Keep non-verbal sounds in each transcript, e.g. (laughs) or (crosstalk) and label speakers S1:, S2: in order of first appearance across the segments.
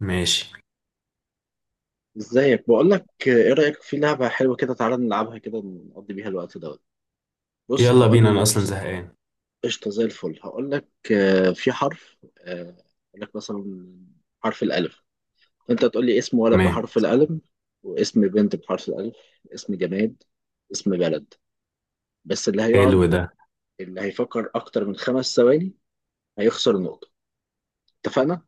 S1: ماشي.
S2: ازيك؟ بقول لك، ايه رايك في لعبه حلوه كده؟ تعالى نلعبها كده نقضي بيها الوقت دوت. بص
S1: يلا بينا، انا
S2: هقول.
S1: اصلا زهقان.
S2: قشطه، زي الفل. هقول لك، في حرف، هقول لك مثلا حرف الالف. انت تقول لي اسم ولد
S1: تمام.
S2: بحرف الالف، واسم بنت بحرف الالف، اسم جماد، اسم بلد. بس
S1: حلو ده.
S2: اللي هيفكر اكتر من 5 ثواني هيخسر نقطه، اتفقنا؟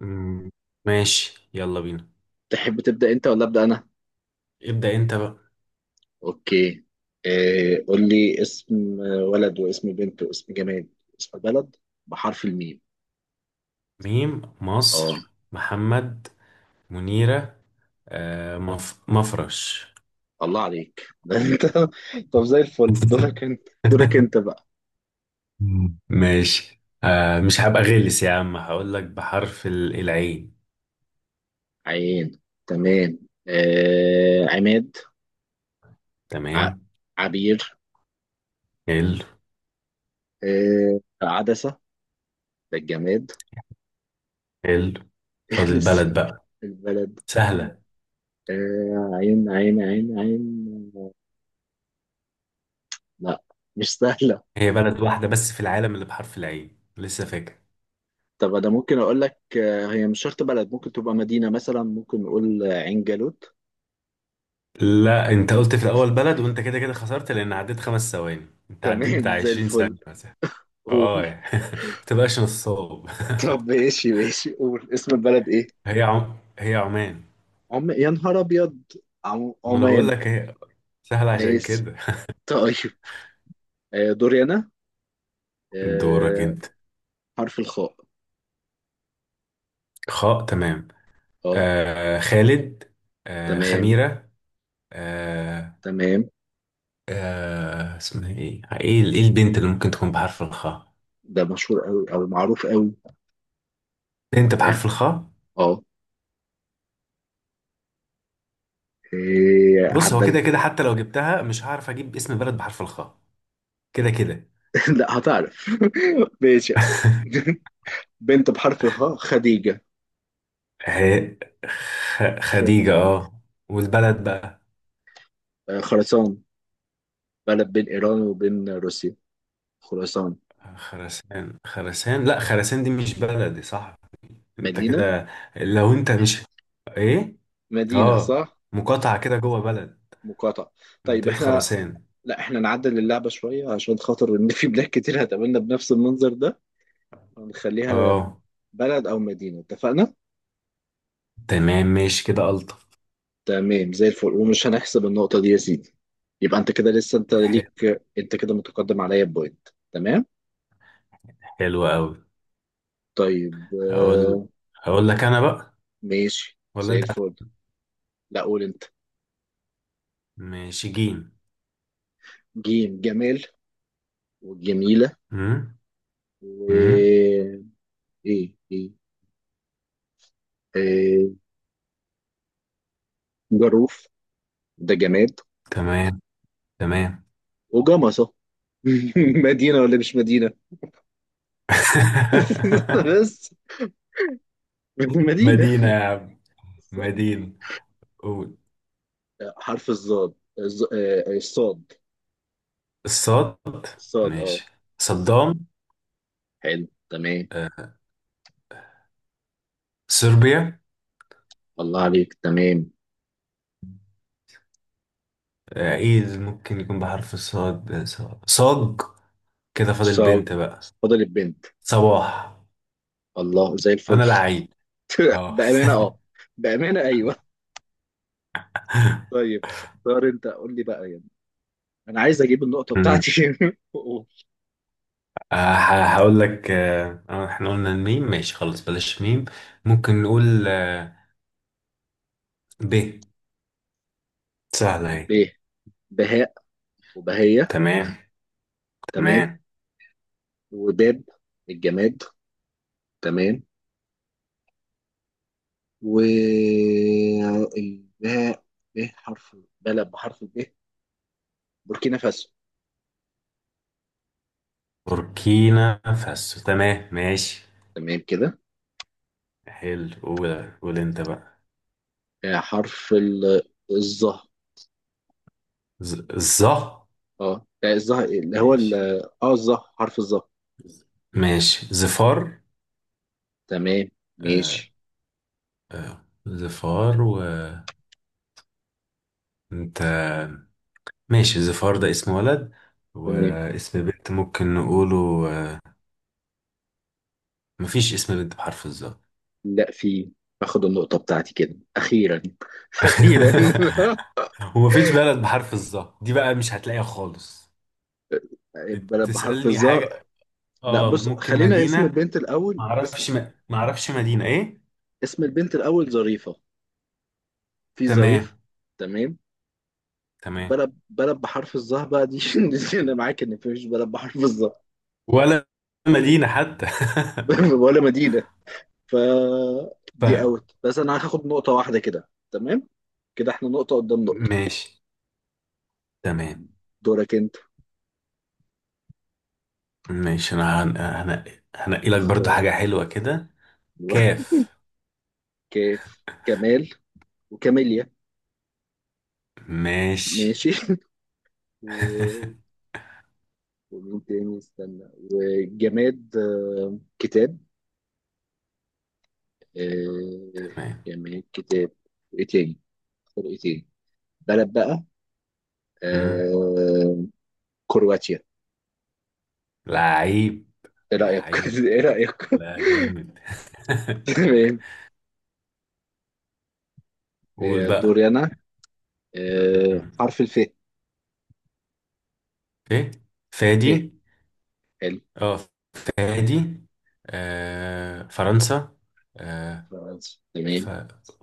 S1: مم، ماشي، يلا بينا.
S2: تحب تبدا انت ولا ابدا انا؟
S1: ابدأ انت بقى.
S2: اوكي. قول لي اسم ولد، واسم بنت، واسم جماد، واسم بلد بحرف الميم.
S1: ميم،
S2: اه،
S1: مصر، محمد، منيرة، مفرش.
S2: الله عليك. (laughs) ده انت! طب زي الفل، دورك
S1: (laughs)
S2: انت دورك انت بقى.
S1: ماشي، مش هبقى غلس يا عم، هقول لك بحرف العين.
S2: عين، تمام. عماد. ع...
S1: تمام.
S2: عبير.
S1: حلو.
S2: عدسة، ده الجماد.
S1: حلو.
S2: (laughs)
S1: فاضل بلد
S2: لسه
S1: بقى.
S2: البلد.
S1: سهلة؟
S2: آه، عين عين عين عين، لا، مش سهلة.
S1: هي بلد واحدة بس في العالم اللي بحرف العين، لسه فاكر؟
S2: طب انا ممكن اقول لك، هي مش شرط بلد، ممكن تبقى مدينة مثلا، ممكن نقول عين جالوت.
S1: لا، انت قلت في الاول بلد، وانت كده كده خسرت لان عديت خمس ثواني. انت عديت
S2: تمام،
S1: بتاع
S2: زي
S1: 20
S2: الفل.
S1: ثانية مثلا. اه
S2: قول.
S1: يعني (laughs) ما تبقاش نصاب.
S2: طب، ماشي ماشي، قول اسم البلد ايه.
S1: (laughs) هي عمان.
S2: عم، يا نهار ابيض!
S1: ما انا بقول
S2: عمان.
S1: لك هي سهلة عشان
S2: ماشي.
S1: كده.
S2: طيب، دوري انا.
S1: دورك
S2: آه،
S1: انت.
S2: حرف الخاء.
S1: خاء، تمام.
S2: اه،
S1: آه خالد، آه
S2: تمام
S1: خميرة، آه،
S2: تمام.
S1: آه اسمها ايه ايه البنت اللي ممكن تكون بحرف الخاء؟
S2: ده مشهور قوي او معروف قوي.
S1: بنت
S2: اه.
S1: بحرف الخاء.
S2: آه. إيه
S1: بص، هو
S2: عدل.
S1: كده كده حتى لو جبتها مش هعرف اجيب اسم بلد بحرف الخاء. كده كده.
S2: (laughs) لا، هتعرف. (laughs) ماشي.
S1: (laughs)
S2: (laughs) بنت بحرف الخاء، خديجة.
S1: هي خديجة،
S2: خديجة.
S1: اه. والبلد بقى؟
S2: خراسان، بلد بين إيران وبين روسيا، خراسان.
S1: خراسان. خراسان، لا خراسان دي مش بلدي صح. انت
S2: مدينة
S1: كده، لو انت مش، ايه،
S2: مدينة
S1: اه،
S2: صح.
S1: مقاطعة كده جوه بلد.
S2: مقاطعة. طيب
S1: منطقة
S2: احنا...
S1: خراسان.
S2: لا، احنا نعدل اللعبة شوية عشان خاطر ان في بلاد كتير هتقابلنا بنفس المنظر ده، ونخليها
S1: اه.
S2: بلد او مدينة، اتفقنا؟
S1: تمام، ماشي كده ألطف.
S2: تمام زي الفل، ومش هنحسب النقطة دي يا سيدي. يبقى انت كده لسه، انت
S1: ح-
S2: ليك، انت كده متقدم عليا بوينت، تمام.
S1: حلو قوي.
S2: طيب،
S1: هقول هقول لك انا بقى.
S2: ماشي
S1: ولا
S2: زي
S1: انت هت-
S2: الفل. لا، قول انت.
S1: ماشي، جيم.
S2: جيم، جمال وجميلة.
S1: امم،
S2: و
S1: امم.
S2: ايه؟ ايه إيه. آه، جروف، ده جماد.
S1: تمام. تمام.
S2: وجمصة. (laughs) مدينة ولا مش مدينة؟ (laughs)
S1: (laughs)
S2: بس مدينة،
S1: مدينة يا عم.
S2: صح.
S1: مدينة. قول.
S2: حرف الظاد، الصاد.
S1: الصاد،
S2: الصاد، اه.
S1: ماشي. صدام،
S2: حلو، تمام.
S1: آه، صربيا،
S2: الله عليك، تمام.
S1: آه، ايه ممكن يكون بحرف الصاد، آه، صاج. كده فاضل بنت
S2: صاد،
S1: بقى.
S2: فضل البنت.
S1: صباح.
S2: الله، زي الفل.
S1: انا
S2: (laughs)
S1: لعيب، اه. (laughs)
S2: بأمانة اه بأمانة ايوه. طيب اختار انت، قول لي بقى يعني، انا عايز اجيب النقطة
S1: أمم.
S2: بتاعتي.
S1: آه، هقول لك، احنا قلنا الميم، ماشي خلاص بلاش ميم. ممكن نقول آه، ب. سهلة
S2: (laughs)
S1: اهي.
S2: ب، بهاء وبهية،
S1: تمام.
S2: تمام.
S1: تمام.
S2: وباب، الجماد، تمام. والباء، ب حرف، بلد بحرف ب، بوركينا فاسو.
S1: بوركينا فاسو. تمام، ماشي.
S2: تمام كده.
S1: حلو. قول انت بقى.
S2: حرف الظه.
S1: ز، ظه.
S2: اه، لا، الظه اللي هو
S1: ماشي.
S2: الظه، حرف الظه.
S1: ماشي زفار.
S2: تمام.
S1: آه،
S2: ماشي.
S1: آه زفار، وانت؟
S2: م،
S1: ماشي زفار ده اسم ولد،
S2: تمام.
S1: واسم بنت ممكن نقوله آه، مفيش اسم بنت بحرف الظا.
S2: لا، في. باخد النقطة بتاعتي كده أخيرا. (laughs) أخيرا. (laughs)
S1: (laughs) ومفيش بلد بحرف الظا دي بقى، مش هتلاقيها خالص.
S2: بلد بحرف
S1: تسألني
S2: الظه،
S1: حاجة؟
S2: لا
S1: اه،
S2: بص،
S1: ممكن
S2: خلينا اسم
S1: مدينة.
S2: البنت الأول. اسم
S1: معرفش مدينة ايه.
S2: اسم البنت الأول ظريفة. في
S1: تمام.
S2: ظريف، تمام.
S1: تمام.
S2: بلد بحرف الظهر بقى، دي... (laughs) دي انا معاك ان مفيش بلد بحرف الظهر.
S1: ولا مدينة حتى.
S2: (laughs) ولا مدينه. ف
S1: (laughs)
S2: دي
S1: طيب.
S2: اوت، بس انا هاخد نقطه واحده كده، تمام. كده احنا نقطه قدام نقطه.
S1: ماشي. تمام.
S2: دورك انت،
S1: ماشي، انا هنقي لك برضو
S2: اختار.
S1: حاجة حلوة كده.
S2: أيوة.
S1: كاف.
S2: (laughs) كيف، كمال وكاميليا.
S1: ماشي.
S2: ماشي. (laughs) و... ومين تاني؟ استنى. وجماد، كتاب. آه،
S1: تمام.
S2: جماد كتاب. ايه تاني؟ اختار ايه تاني؟ بلد بقى.
S1: مم.
S2: آه، كرواتيا.
S1: لعيب.
S2: ايه رأيك؟ (laughs)
S1: لعيب،
S2: ايه رأيك؟ (laughs)
S1: لا جامد. (laughs)
S2: تمام.
S1: قول بقى.
S2: دوري انا.
S1: مم.
S2: حرف الف.
S1: ايه؟
S2: ف
S1: فادي،
S2: حلو.
S1: اه، فادي، آه فرنسا، آه،
S2: فرنسا، تمام.
S1: ف...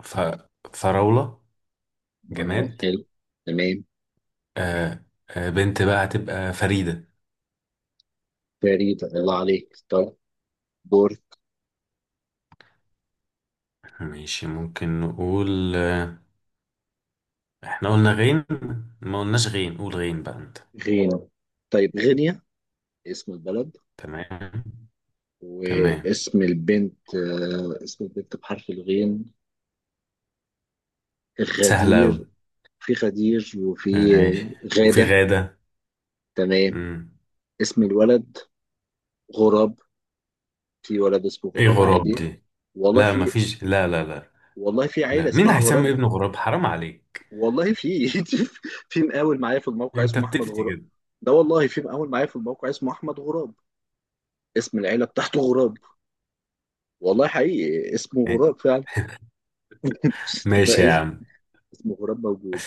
S1: ف... فراولة جماد،
S2: حلو، تمام.
S1: آه، آه بنت بقى هتبقى فريدة.
S2: فريد، الله عليك. طيب، بورت.
S1: ماشي، ممكن نقول، احنا قلنا غين؟ ما قلناش غين، قول غين بقى انت.
S2: غينا، طيب، غينيا، اسم البلد.
S1: تمام. تمام.
S2: واسم البنت، اسم البنت بحرف الغين،
S1: سهلة
S2: غدير.
S1: أوي.
S2: في غدير، وفي
S1: ماشي. وفي
S2: غادة،
S1: غادة.
S2: تمام.
S1: مم.
S2: اسم الولد غراب. في ولد اسمه
S1: ايه
S2: غراب
S1: غراب
S2: عادي.
S1: دي؟
S2: والله
S1: لا
S2: في.
S1: مفيش، لا.
S2: والله في عيلة
S1: مين اللي
S2: اسمها
S1: هيسمي
S2: غراب.
S1: ابنه غراب؟ حرام عليك.
S2: والله في. (laughs) في مقاول معايا في الموقع
S1: انت
S2: اسمه احمد
S1: بتفتي
S2: غراب.
S1: كده.
S2: ده والله في مقاول معايا في الموقع اسمه احمد غراب، اسم العيله بتاعته غراب. والله حقيقي اسمه غراب فعلا. (laughs)
S1: ماشي يا
S2: فاسم،
S1: عم.
S2: اسمه غراب، موجود.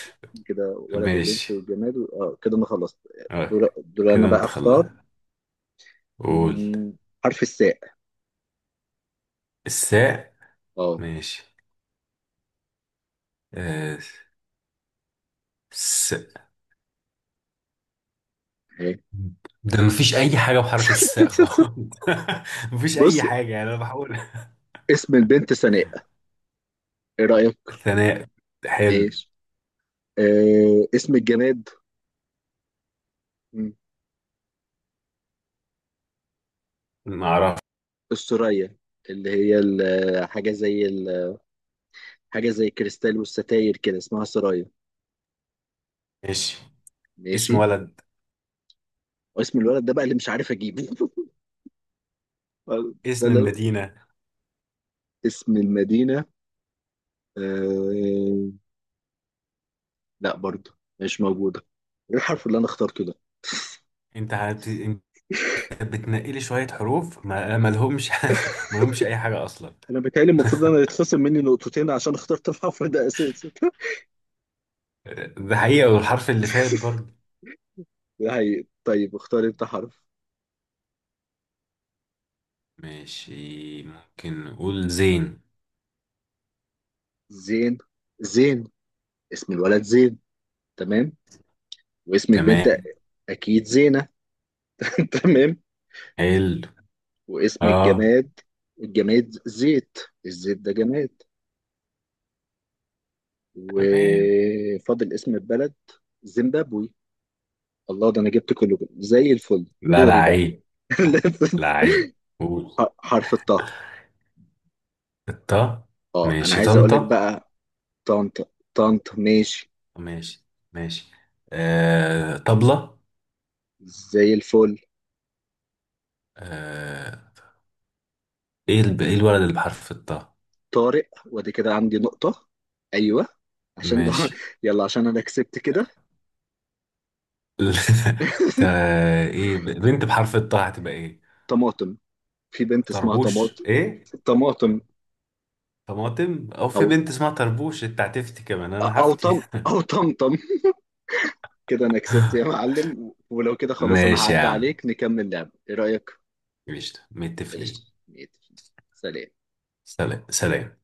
S2: كده ولد وبنت
S1: ماشي.
S2: وجماد اه، كده انا خلصت.
S1: أوكي.
S2: دول دول، انا
S1: كده
S2: بقى
S1: انت خلاص.
S2: اختار.
S1: قول.
S2: مم، حرف الساء.
S1: الساء،
S2: اه.
S1: ماشي. آه، س...
S2: إيه.
S1: ده مفيش اي حاجة بحرف الساء خالص.
S2: (laughs)
S1: (laughs) مفيش اي
S2: بص،
S1: حاجة، يعني انا بحاول.
S2: اسم البنت سناء، ايه رايك؟
S1: ثناء. حلو.
S2: ماشي. اسم الجماد، مم،
S1: ما اعرفش.
S2: السرية، اللي هي حاجه زي كريستال والستاير كده، اسمها سرايا.
S1: ماشي.
S2: ماشي.
S1: اسم ولد.
S2: واسم الولد ده بقى اللي مش عارف اجيبه. (laughs) ده
S1: اسم
S2: لو
S1: المدينة.
S2: اسم المدينه، آه... لا، برضه مش موجوده. ايه الحرف اللي انا اخترته ده؟
S1: انت بتنقلي شوية حروف ما لهمش. (laughs) ما لهمش اي حاجة اصلا.
S2: انا بيتهيألي المفروض انا يتخصم مني نقطتين عشان اخترت (laughs) الحرف ده اساسا. (laughs)
S1: (laughs) ده حقيقة، والحرف اللي فات برضه.
S2: ده هي، طيب اختار انت حرف.
S1: ماشي، ممكن نقول زين.
S2: زين. زين، اسم الولد زين، تمام. واسم البنت،
S1: تمام.
S2: اكيد زينة. (laughs) تمام.
S1: حلو.
S2: واسم
S1: اه.
S2: الجماد، الجماد زيت، الزيت ده جماد.
S1: تمام.
S2: وفاضل اسم البلد، زيمبابوي. الله، ده انا جبت كله كده. زي الفل،
S1: لا، لا
S2: دوري بقى.
S1: عيب. لا، لا
S2: (laughs)
S1: عيب. قول.
S2: حرف الطه.
S1: الطا،
S2: اه، انا
S1: ماشي
S2: عايز اقول لك
S1: طنطا.
S2: بقى. طنط طنط، ماشي
S1: ماشي. ماشي. آه طبلة،
S2: زي الفل.
S1: آه. ايه الولد اللي بحرف الطا؟
S2: طارق، وادي كده عندي نقطة، ايوه، عشان
S1: ماشي.
S2: (laughs) يلا، عشان انا كسبت كده.
S1: (laughs) تا، ايه بنت بحرف الطاء هتبقى ايه؟
S2: طماطم، في بنت اسمها
S1: طربوش
S2: طماطم.
S1: ايه؟
S2: طماطم،
S1: طماطم؟ او
S2: او
S1: في بنت اسمها طربوش؟ انت هتفتي كمان، انا
S2: او
S1: هفتي.
S2: طم،
S1: (laughs)
S2: او طمطم. كده انا كسبت يا معلم، ولو كده خلاص انا
S1: ماشي يا
S2: هعدي
S1: عم.
S2: عليك، نكمل لعب، ايه رأيك؟
S1: ماشي متفقين.
S2: قشطة. 100%. سلام.
S1: سلام، سلام.